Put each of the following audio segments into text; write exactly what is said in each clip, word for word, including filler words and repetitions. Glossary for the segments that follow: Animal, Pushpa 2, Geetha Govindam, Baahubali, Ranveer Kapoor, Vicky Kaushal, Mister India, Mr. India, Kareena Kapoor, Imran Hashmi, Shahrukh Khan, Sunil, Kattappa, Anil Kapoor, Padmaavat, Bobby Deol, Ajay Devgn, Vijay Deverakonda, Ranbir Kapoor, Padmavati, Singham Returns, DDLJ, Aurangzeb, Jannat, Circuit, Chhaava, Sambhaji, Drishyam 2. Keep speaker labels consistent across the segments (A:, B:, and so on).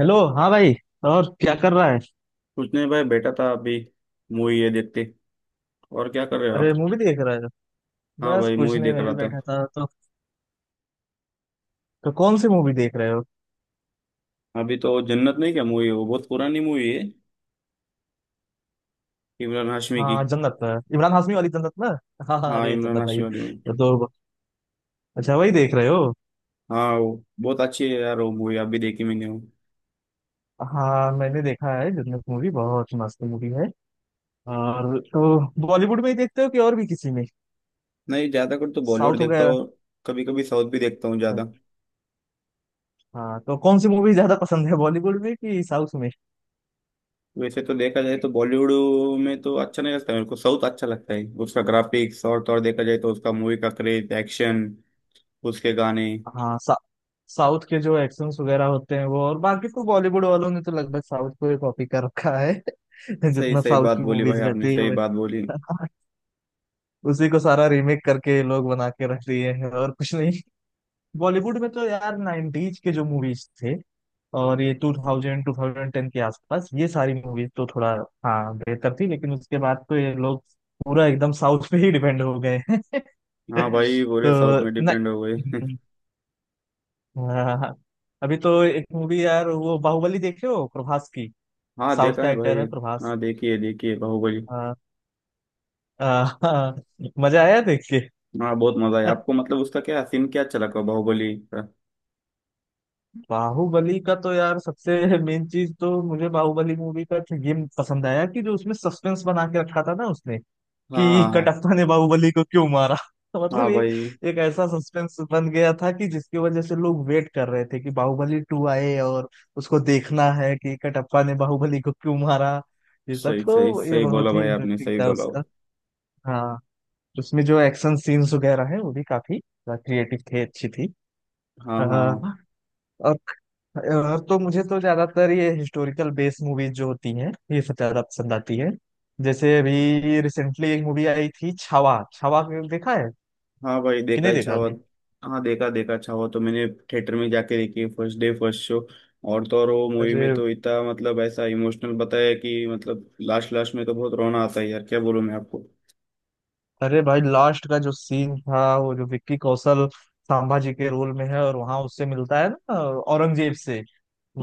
A: Hello, हाँ भाई। और क्या कर रहा है?
B: कुछ नहीं भाई बैठा था अभी। मूवी ये देखते। और क्या कर रहे हो
A: अरे,
B: आप।
A: मूवी देख रहे हो?
B: हाँ
A: बस
B: भाई
A: कुछ
B: मूवी
A: नहीं,
B: देख
A: मैं
B: रहा
A: भी
B: था।
A: बैठा था तो। तो कौन सी मूवी देख रहे हो?
B: अभी तो जन्नत नहीं क्या मूवी है, वो बहुत पुरानी मूवी है, इमरान हाशमी की।
A: हाँ जन्नत। इमरान हाशमी वाली जन्नत ना हाँ हाँ,
B: हाँ
A: अरे
B: इमरान
A: जन्नत भाई
B: हाशमी वाली मूवी।
A: ये तो। अच्छा वही देख रहे हो।
B: हाँ वो बहुत अच्छी है यार, वो मूवी अभी देखी मैंने वो।
A: हाँ मैंने देखा है, जन्नत मूवी बहुत मस्त मूवी है। और तो बॉलीवुड में ही देखते हो कि और भी किसी में?
B: नहीं ज्यादा कर तो बॉलीवुड
A: साउथ
B: देखता
A: वगैरह?
B: हूँ। कभी कभी साउथ भी देखता हूँ
A: अच्छा।
B: ज्यादा।
A: हाँ तो कौन सी मूवी ज्यादा पसंद है, बॉलीवुड में कि साउथ में?
B: वैसे तो देखा जाए तो बॉलीवुड में तो अच्छा नहीं लगता मेरे को, साउथ अच्छा लगता है, उसका ग्राफिक्स और तो और देखा जाए तो उसका मूवी का क्रेज, एक्शन, उसके गाने।
A: हाँ सा, साउथ के जो एक्शंस वगैरह होते हैं वो, और बाकी तो बॉलीवुड वालों ने तो लगभग साउथ को ही कॉपी कर रखा है
B: सही
A: जितना
B: सही
A: साउथ
B: बात
A: की
B: बोली भाई,
A: मूवीज
B: आपने
A: रहती है
B: सही बात बोली।
A: वैसा। उसी को सारा रीमेक करके ये लोग बना के रख दिए हैं, और कुछ नहीं। बॉलीवुड में तो यार नाइंटीज़ के जो मूवीज थे, और ये दो हज़ार ट्वेंटी टेन के आसपास ये सारी मूवीज तो थोड़ा, हाँ, बेहतर थी, लेकिन उसके बाद तो ये लोग पूरा एकदम साउथ पे ही डिपेंड हो गए हैं
B: हाँ भाई पूरे साउथ में
A: तो न,
B: डिपेंड हो गई।
A: हम्म। हाँ। अभी तो एक मूवी यार वो बाहुबली देखे हो प्रभास की?
B: हाँ
A: साउथ
B: देखा
A: का
B: है
A: एक्टर
B: भाई।
A: है प्रभास।
B: हाँ देखिए देखिए बाहुबली।
A: हाँ हाँ, मजा आया देख के।
B: हाँ बहुत मजा आया आपको, मतलब उसका क्या सीन क्या अच्छा लगा बाहुबली का।
A: बाहुबली का तो यार सबसे मेन चीज तो मुझे बाहुबली मूवी का ये पसंद आया कि जो उसमें सस्पेंस बना के रखा था ना उसने,
B: हाँ
A: कि
B: हाँ हाँ।
A: कटप्पा ने बाहुबली को क्यों मारा। तो मतलब
B: हाँ
A: ये
B: भाई।
A: एक ऐसा सस्पेंस बन गया था कि जिसकी वजह से लोग वेट कर रहे थे कि बाहुबली टू आए और उसको देखना है कि कटप्पा ने बाहुबली को क्यों मारा। ये सब
B: सही सही
A: तो ये
B: सही बोला
A: बहुत ही
B: भाई, आपने
A: इंटरेस्टिंग
B: सही
A: था
B: बोला।
A: उसका। हाँ, उसमें जो एक्शन सीन्स वगैरह है वो भी काफी क्रिएटिव थे, अच्छी थी।
B: हाँ हाँ हाँ।
A: हाँ, और और तो मुझे तो ज्यादातर ये हिस्टोरिकल बेस्ड मूवीज जो होती हैं ये सब ज्यादा पसंद आती है। जैसे अभी रिसेंटली एक मूवी आई थी छावा, छावा को देखा है
B: हाँ भाई
A: कि
B: देखा
A: नहीं
B: है
A: देखा
B: छावा।
A: अभी?
B: हाँ देखा देखा छावा तो मैंने, थिएटर में जाके देखी फर्स्ट डे फर्स्ट शो। और तो और वो मूवी में
A: अरे
B: तो इतना मतलब ऐसा इमोशनल बताया कि मतलब लास्ट लास्ट में तो बहुत रोना आता है यार, क्या बोलूं मैं आपको।
A: अरे भाई लास्ट का जो सीन था वो, जो विक्की कौशल संभाजी के रोल में है और वहां उससे मिलता है ना, औरंगजेब से,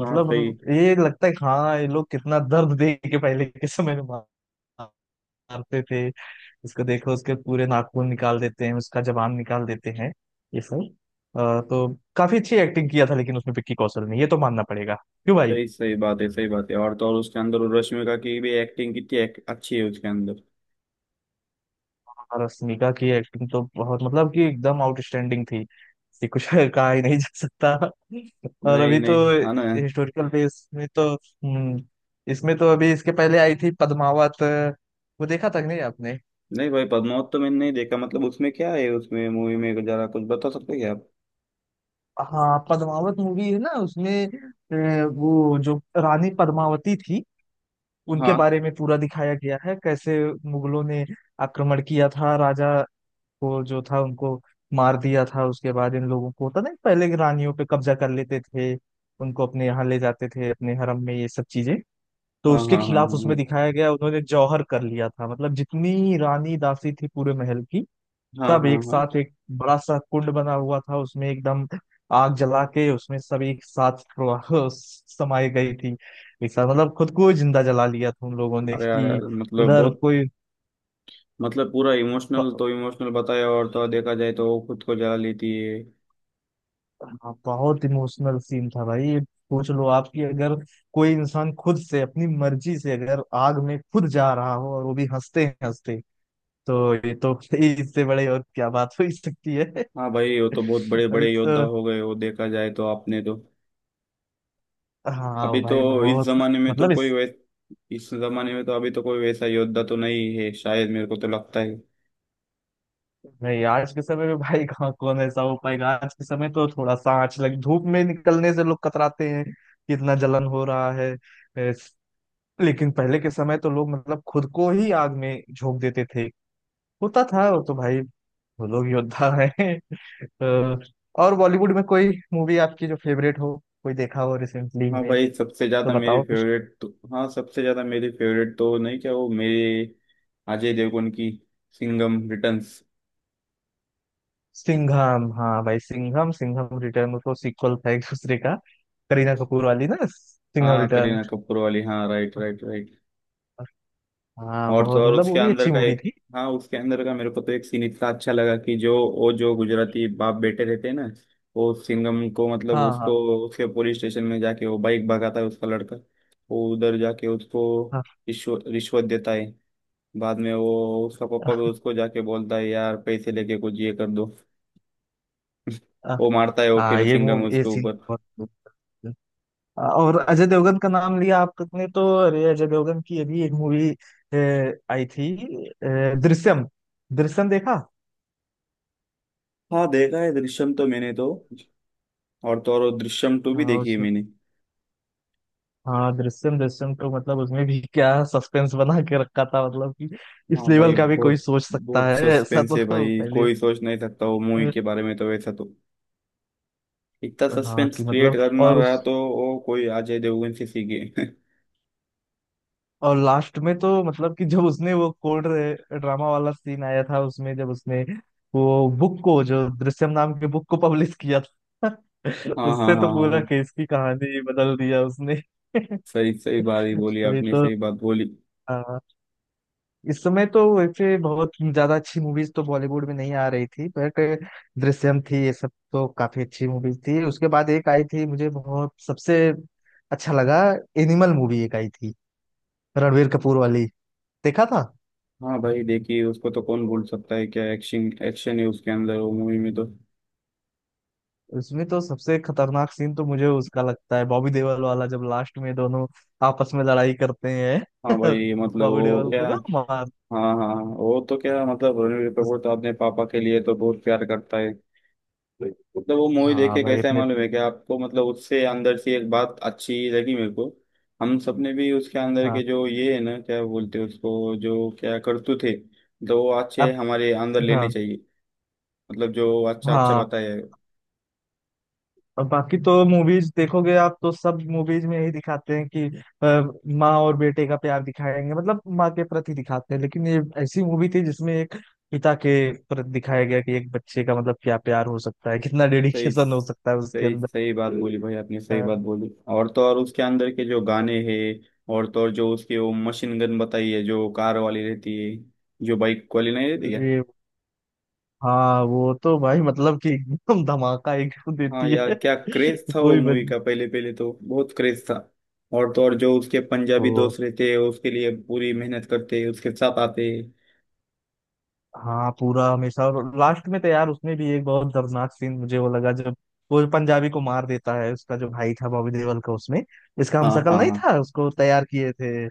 B: हाँ सही।
A: ये लगता है कि हाँ ये लोग कितना दर्द दे के पहले के समय में मारते थे। इसको देखो, उसके पूरे नाखून निकाल देते हैं, उसका जबान निकाल देते हैं ये सब। अ, तो काफी अच्छी एक्टिंग किया था लेकिन उसमें विक्की कौशल ने, ये तो मानना पड़ेगा, क्यों भाई?
B: सही सही बात है, सही बात है। और तो और उसके अंदर वो रश्मिका की भी एक्टिंग कितनी एक, अच्छी है उसके अंदर।
A: और रश्मिका की एक्टिंग तो बहुत, मतलब कि एकदम आउटस्टैंडिंग थी, इससे कुछ कहा ही नहीं जा सकता। और
B: नहीं
A: अभी तो
B: नहीं, हाँ ना।
A: हिस्टोरिकल बेस में तो हम्म, इसमें तो अभी इसके पहले आई थी पद्मावत। वो देखा था कि नहीं आपने?
B: नहीं भाई पद्मावत तो मैंने नहीं देखा। मतलब उसमें क्या है, उसमें मूवी में जरा कुछ बता सकते हैं क्या
A: हाँ, पद्मावत मूवी है ना, उसमें अ, वो जो रानी पद्मावती थी उनके
B: आप।
A: बारे में पूरा दिखाया गया है, कैसे मुगलों ने आक्रमण किया था, राजा को जो था उनको मार दिया था, उसके बाद इन लोगों को होता नहीं, पहले की रानियों पे कब्जा कर लेते थे, उनको अपने यहाँ ले जाते थे, अपने हरम में ये सब चीजें। तो
B: हाँ
A: उसके
B: हाँ हाँ
A: खिलाफ
B: हाँ
A: उसमें दिखाया गया, उन्होंने जौहर कर लिया था। मतलब जितनी रानी दासी थी पूरे महल की,
B: हाँ।
A: सब
B: हाँ हाँ हाँ
A: एक
B: हाँ।
A: साथ, एक बड़ा सा कुंड बना हुआ था उसमें, एकदम आग जला के उसमें सब एक साथ प्रो- समाई गई थी। एक साथ मतलब खुद को जिंदा जला लिया था उन लोगों ने
B: अरे यार
A: कि
B: यार, मतलब
A: उधर
B: बहुत
A: कोई।
B: मतलब पूरा इमोशनल
A: ब-
B: तो इमोशनल बताया, और तो और देखा जाए तो वो खुद को जला लेती है।
A: हाँ, बहुत इमोशनल सीन था भाई। सोच लो आपकी, अगर कोई इंसान खुद से अपनी मर्जी से अगर आग में खुद जा रहा हो, और वो भी हंसते हंसते, तो ये तो इससे बड़े और क्या बात हो ही सकती है
B: हाँ भाई वो तो बहुत बड़े
A: अभी
B: बड़े योद्धा
A: तो
B: हो गए, वो देखा जाए तो आपने तो। अभी
A: हाँ
B: तो
A: भाई
B: इस
A: बहुत,
B: जमाने में तो
A: मतलब
B: कोई वैस इस जमाने में तो अभी तो कोई वैसा योद्धा तो नहीं है शायद, मेरे को तो लगता है।
A: नहीं, आज के समय में भाई कहाँ कौन ऐसा हो पाएगा? आज के समय तो थोड़ा सा आंच लग, धूप में निकलने से लोग कतराते हैं कि इतना जलन हो रहा है। एस- लेकिन पहले के समय तो लोग मतलब खुद को ही आग में झोंक देते थे, होता था वो तो भाई। वो लोग योद्धा हैं। अ, और बॉलीवुड में कोई मूवी आपकी जो फेवरेट हो, कोई देखा हो रिसेंटली
B: हाँ
A: में
B: भाई सबसे
A: तो
B: ज्यादा मेरी
A: बताओ कुछ।
B: फेवरेट तो। हाँ सबसे ज्यादा मेरी फेवरेट तो नहीं क्या वो मेरे, अजय देवगन की सिंघम रिटर्न्स।
A: सिंघम, हाँ भाई सिंघम, सिंघम रिटर्न तो सीक्वल था एक दूसरे का। करीना कपूर वाली ना सिंघम
B: हाँ
A: रिटर्न।
B: करीना कपूर वाली, हाँ राइट राइट राइट।
A: हाँ
B: और तो
A: बहुत,
B: और
A: मतलब वो
B: उसके
A: भी
B: अंदर
A: अच्छी
B: का
A: मूवी
B: एक,
A: थी।
B: हाँ उसके अंदर का मेरे को तो एक सीन इतना अच्छा लगा कि जो वो जो गुजराती बाप बेटे रहते हैं ना, वो सिंघम को मतलब
A: हाँ हाँ
B: उसको, उसके पुलिस स्टेशन में जाके वो बाइक भगाता है उसका लड़का, वो उधर जाके उसको रिश्वत रिश्वत देता है। बाद में वो उसका पापा भी
A: हाँ
B: उसको जाके बोलता है यार पैसे लेके कुछ ये कर दो,
A: हाँ
B: वो मारता है वो
A: हाँ,
B: फिर
A: ये
B: सिंघम
A: मूवी, ये
B: उसके
A: सीन
B: ऊपर।
A: बहुत। और अजय देवगन का नाम लिया आपने तो अरे, अजय देवगन की अभी एक मूवी आई थी, अ, दृश्यम। दृश्यम देखा?
B: हाँ देखा है दृश्यम तो मैंने तो, और तो और वो दृश्यम टू भी
A: हाँ
B: देखी है
A: उसने।
B: मैंने।
A: हाँ दृश्यम, दृश्यम तो मतलब उसमें भी क्या सस्पेंस बना के रखा था, मतलब कि इस
B: हाँ भाई
A: लेवल का भी कोई
B: बहुत
A: सोच सकता
B: बहुत
A: है ऐसा
B: सस्पेंस है
A: तो
B: भाई,
A: पहले।
B: कोई सोच नहीं सकता वो मूवी
A: अ,
B: के बारे में, तो वैसा तो इतना
A: हाँ,
B: सस्पेंस
A: कि
B: क्रिएट
A: मतलब
B: करना
A: और
B: रहा
A: उस,
B: तो वो कोई अजय देवगन से सीखे।
A: और लास्ट में तो मतलब कि जब उसने वो कोर्ट ड्रामा वाला सीन आया था उसमें, जब उसने वो बुक को, जो दृश्यम नाम के बुक को पब्लिश किया था
B: हाँ हाँ हाँ
A: उससे
B: हाँ
A: तो पूरा
B: हाँ,
A: केस की कहानी बदल दिया उसने।
B: सही सही बात ही बोली
A: अभी
B: आपने,
A: तो
B: सही बात बोली।
A: हाँ, इस समय तो वैसे बहुत ज्यादा अच्छी मूवीज तो बॉलीवुड में नहीं आ रही थी, बट दृश्यम थी, ये सब तो काफी अच्छी मूवीज थी। उसके बाद एक आई थी मुझे बहुत सबसे अच्छा लगा, एनिमल मूवी एक आई थी, रणवीर कपूर वाली देखा था?
B: हाँ भाई देखिए उसको तो कौन भूल सकता है, क्या एक्शन एक्शन है उसके अंदर वो मूवी में तो।
A: उसमें तो सबसे खतरनाक सीन तो मुझे उसका लगता है, बॉबी देओल वाला, जब लास्ट में दोनों आपस में लड़ाई करते हैं।
B: हाँ भाई मतलब
A: बॉबी
B: वो
A: देओल को
B: क्या।
A: ना
B: हाँ
A: मार,
B: हाँ हाँ, वो तो क्या मतलब रणबीर
A: उस,
B: कपूर तो अपने पापा के लिए तो बहुत प्यार करता है। मतलब वो मूवी देख
A: हाँ
B: के
A: भाई
B: कैसा है
A: अपने,
B: मालूम है कि आपको, मतलब उससे अंदर से एक बात अच्छी लगी मेरे को। हम सबने भी उसके अंदर
A: हाँ,
B: के जो ये है ना क्या बोलते हैं उसको जो क्या करतूत थे, तो वो अच्छे
A: अब,
B: हमारे अंदर
A: हाँ,
B: लेने चाहिए। मतलब जो अच्छा अच्छा
A: हाँ।
B: बताया है।
A: और बाकी तो मूवीज देखोगे आप तो सब मूवीज में यही दिखाते हैं कि अ, माँ और बेटे का प्यार दिखाएंगे, मतलब माँ के प्रति दिखाते हैं, लेकिन ये ऐसी मूवी थी जिसमें एक पिता के प्रति दिखाया गया कि एक बच्चे का मतलब क्या प्यार हो सकता है, कितना
B: सही
A: डेडिकेशन हो सकता है उसके
B: सही
A: अंदर।
B: सही बात बोली भाई, आपने
A: अ,
B: सही बात बोली। और तो और उसके अंदर के जो गाने हैं, और तो और जो उसकी वो मशीन गन बताई है जो कार वाली रहती है, जो बाइक वाली नहीं रहती क्या।
A: अरे, हाँ वो तो भाई, मतलब कि एकदम धमाका एकदम
B: हाँ
A: देती
B: यार
A: है
B: क्या क्रेज था वो
A: कोई
B: मूवी
A: वजह।
B: का, पहले पहले तो बहुत क्रेज था। और तो और जो उसके पंजाबी
A: वो
B: दोस्त रहते हैं उसके लिए पूरी मेहनत करते उसके साथ आते।
A: हाँ, पूरा हमेशा। और लास्ट में तो यार उसमें भी एक बहुत दर्दनाक सीन मुझे वो लगा, जब वो पंजाबी को मार देता है, उसका जो भाई था बॉबी देओल का, उसमें इसका
B: हाँ
A: हमशक्ल
B: हाँ
A: नहीं
B: हाँ
A: था, उसको तैयार किए थे।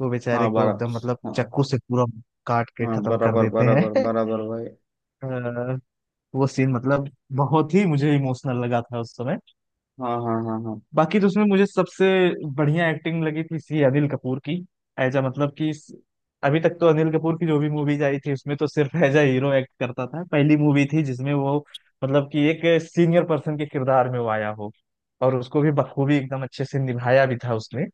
A: वो
B: हाँ
A: बेचारे को
B: बराबर।
A: एकदम, मतलब,
B: हाँ
A: चाकू से पूरा काट के
B: हाँ
A: खत्म कर
B: बराबर
A: देते हैं
B: बराबर बराबर भाई।
A: अ, वो सीन मतलब बहुत ही मुझे इमोशनल लगा था उस समय।
B: हाँ हाँ हाँ हाँ
A: बाकी तो उसमें मुझे सबसे बढ़िया एक्टिंग लगी थी सी अनिल कपूर की। एज अ मतलब कि इस- अभी तक तो अनिल कपूर की जो भी मूवीज आई थी उसमें तो सिर्फ एज अ हीरो एक्ट करता था, पहली मूवी थी जिसमें वो मतलब कि एक सीनियर पर्सन के किरदार में वो आया हो, और उसको भी बखूबी एकदम अच्छे से निभाया भी था उसने,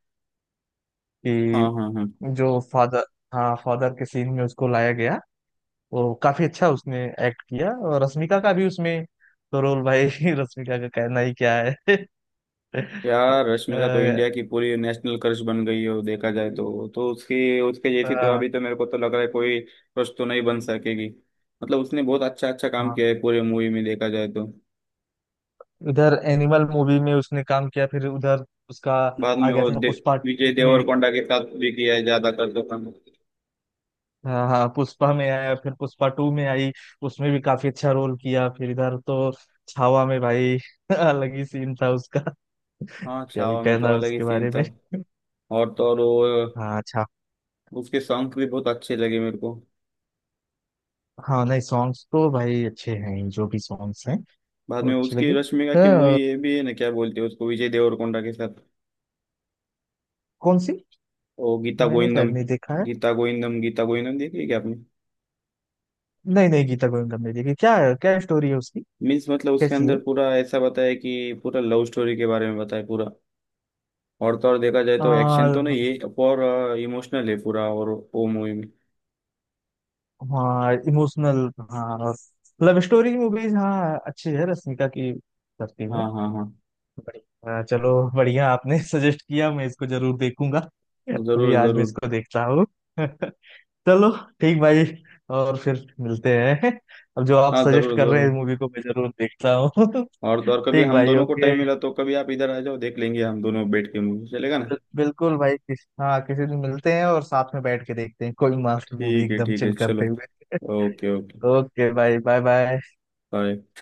B: हाँ
A: कि
B: हाँ हाँ।
A: जो फादर, हाँ फादर के सीन में उसको लाया गया। वो काफी अच्छा उसने एक्ट किया, और रश्मिका का भी उसमें तो रोल भाई रश्मिका का कहना ही क्या है।
B: यार रश्मिका तो
A: अ,
B: इंडिया की पूरी नेशनल क्रश बन गई है, वो देखा जाए तो तो उसकी उसके जैसी तो
A: अ,
B: अभी तो मेरे को तो लग रहा है कोई क्रश तो नहीं बन सकेगी। मतलब उसने बहुत अच्छा अच्छा काम
A: हाँ,
B: किया है पूरे मूवी में, देखा जाए तो।
A: इधर एनिमल मूवी में उसने काम किया, फिर उधर उसका
B: बाद
A: आ
B: में
A: गया
B: वो
A: था
B: दे,
A: पुष्पा
B: विजय
A: टू में।
B: देवरकोंडा के साथ भी किया है ज्यादा कर दो काम।
A: हाँ हाँ, पुष्पा में आया, फिर पुष्पा टू में आई, उसमें भी काफी अच्छा रोल किया। फिर इधर तो छावा में भाई अलग ही सीन था उसका,
B: हाँ
A: क्या ही
B: छावा में तो
A: कहना
B: अलग ही
A: उसके
B: सीन
A: बारे
B: था।
A: में।
B: और तो और
A: हाँ अच्छा।
B: वो उसके सॉन्ग भी बहुत अच्छे लगे मेरे को।
A: हाँ नहीं, सॉन्ग्स तो भाई अच्छे हैं ही, जो भी सॉन्ग्स हैं
B: बाद
A: वो
B: में
A: अच्छे
B: उसकी
A: लगे।
B: रश्मिका की मूवी
A: अ,
B: ये भी है ना क्या बोलते हैं उसको, विजय देवरकोंडा के साथ,
A: कौन सी?
B: ओ गीता
A: मैंने शायद
B: गोविंदम।
A: नहीं देखा है।
B: गीता गोविंदम गीता गोविंदम देखी है क्या आपने।
A: नहीं नहीं, गीता गोविंदम नहीं देखी क्या? क्या स्टोरी है उसकी,
B: मीन्स मतलब उसके
A: कैसी है?
B: अंदर पूरा ऐसा बताया कि पूरा लव स्टोरी के बारे में बताया पूरा। और तो और देखा जाए
A: आ,
B: तो एक्शन तो नहीं है, और इमोशनल है पूरा और वो मूवी में।
A: हाँ इमोशनल, हाँ। लव स्टोरी मूवीज, हाँ, अच्छी है रश्मिका की, करती है।
B: हाँ हाँ हाँ।
A: बढ़िया, चलो, बढ़िया आपने सजेस्ट किया, मैं इसको जरूर देखूंगा। अभी
B: जरूर
A: आज मैं
B: जरूर।
A: इसको देख रहा हूँ। चलो ठीक भाई, और फिर मिलते हैं। अब जो आप
B: हाँ
A: सजेस्ट
B: जरूर
A: कर रहे
B: जरूर।
A: हैं मूवी को मैं जरूर देखता हूँ।
B: और तो और कभी
A: ठीक
B: हम
A: भाई,
B: दोनों को
A: ओके।
B: टाइम मिला तो कभी आप इधर आ जाओ, देख लेंगे हम दोनों बैठ के, मूवी चलेगा ना।
A: बिल, बिल्कुल भाई, किस, हाँ किसी दिन मिलते हैं और साथ में बैठ के देखते हैं कोई मस्त मूवी
B: ठीक है
A: एकदम
B: ठीक है
A: चिल
B: चलो।
A: करते हुए।
B: Okay okay.
A: ओके भाई, बाय बाय।
B: बाय।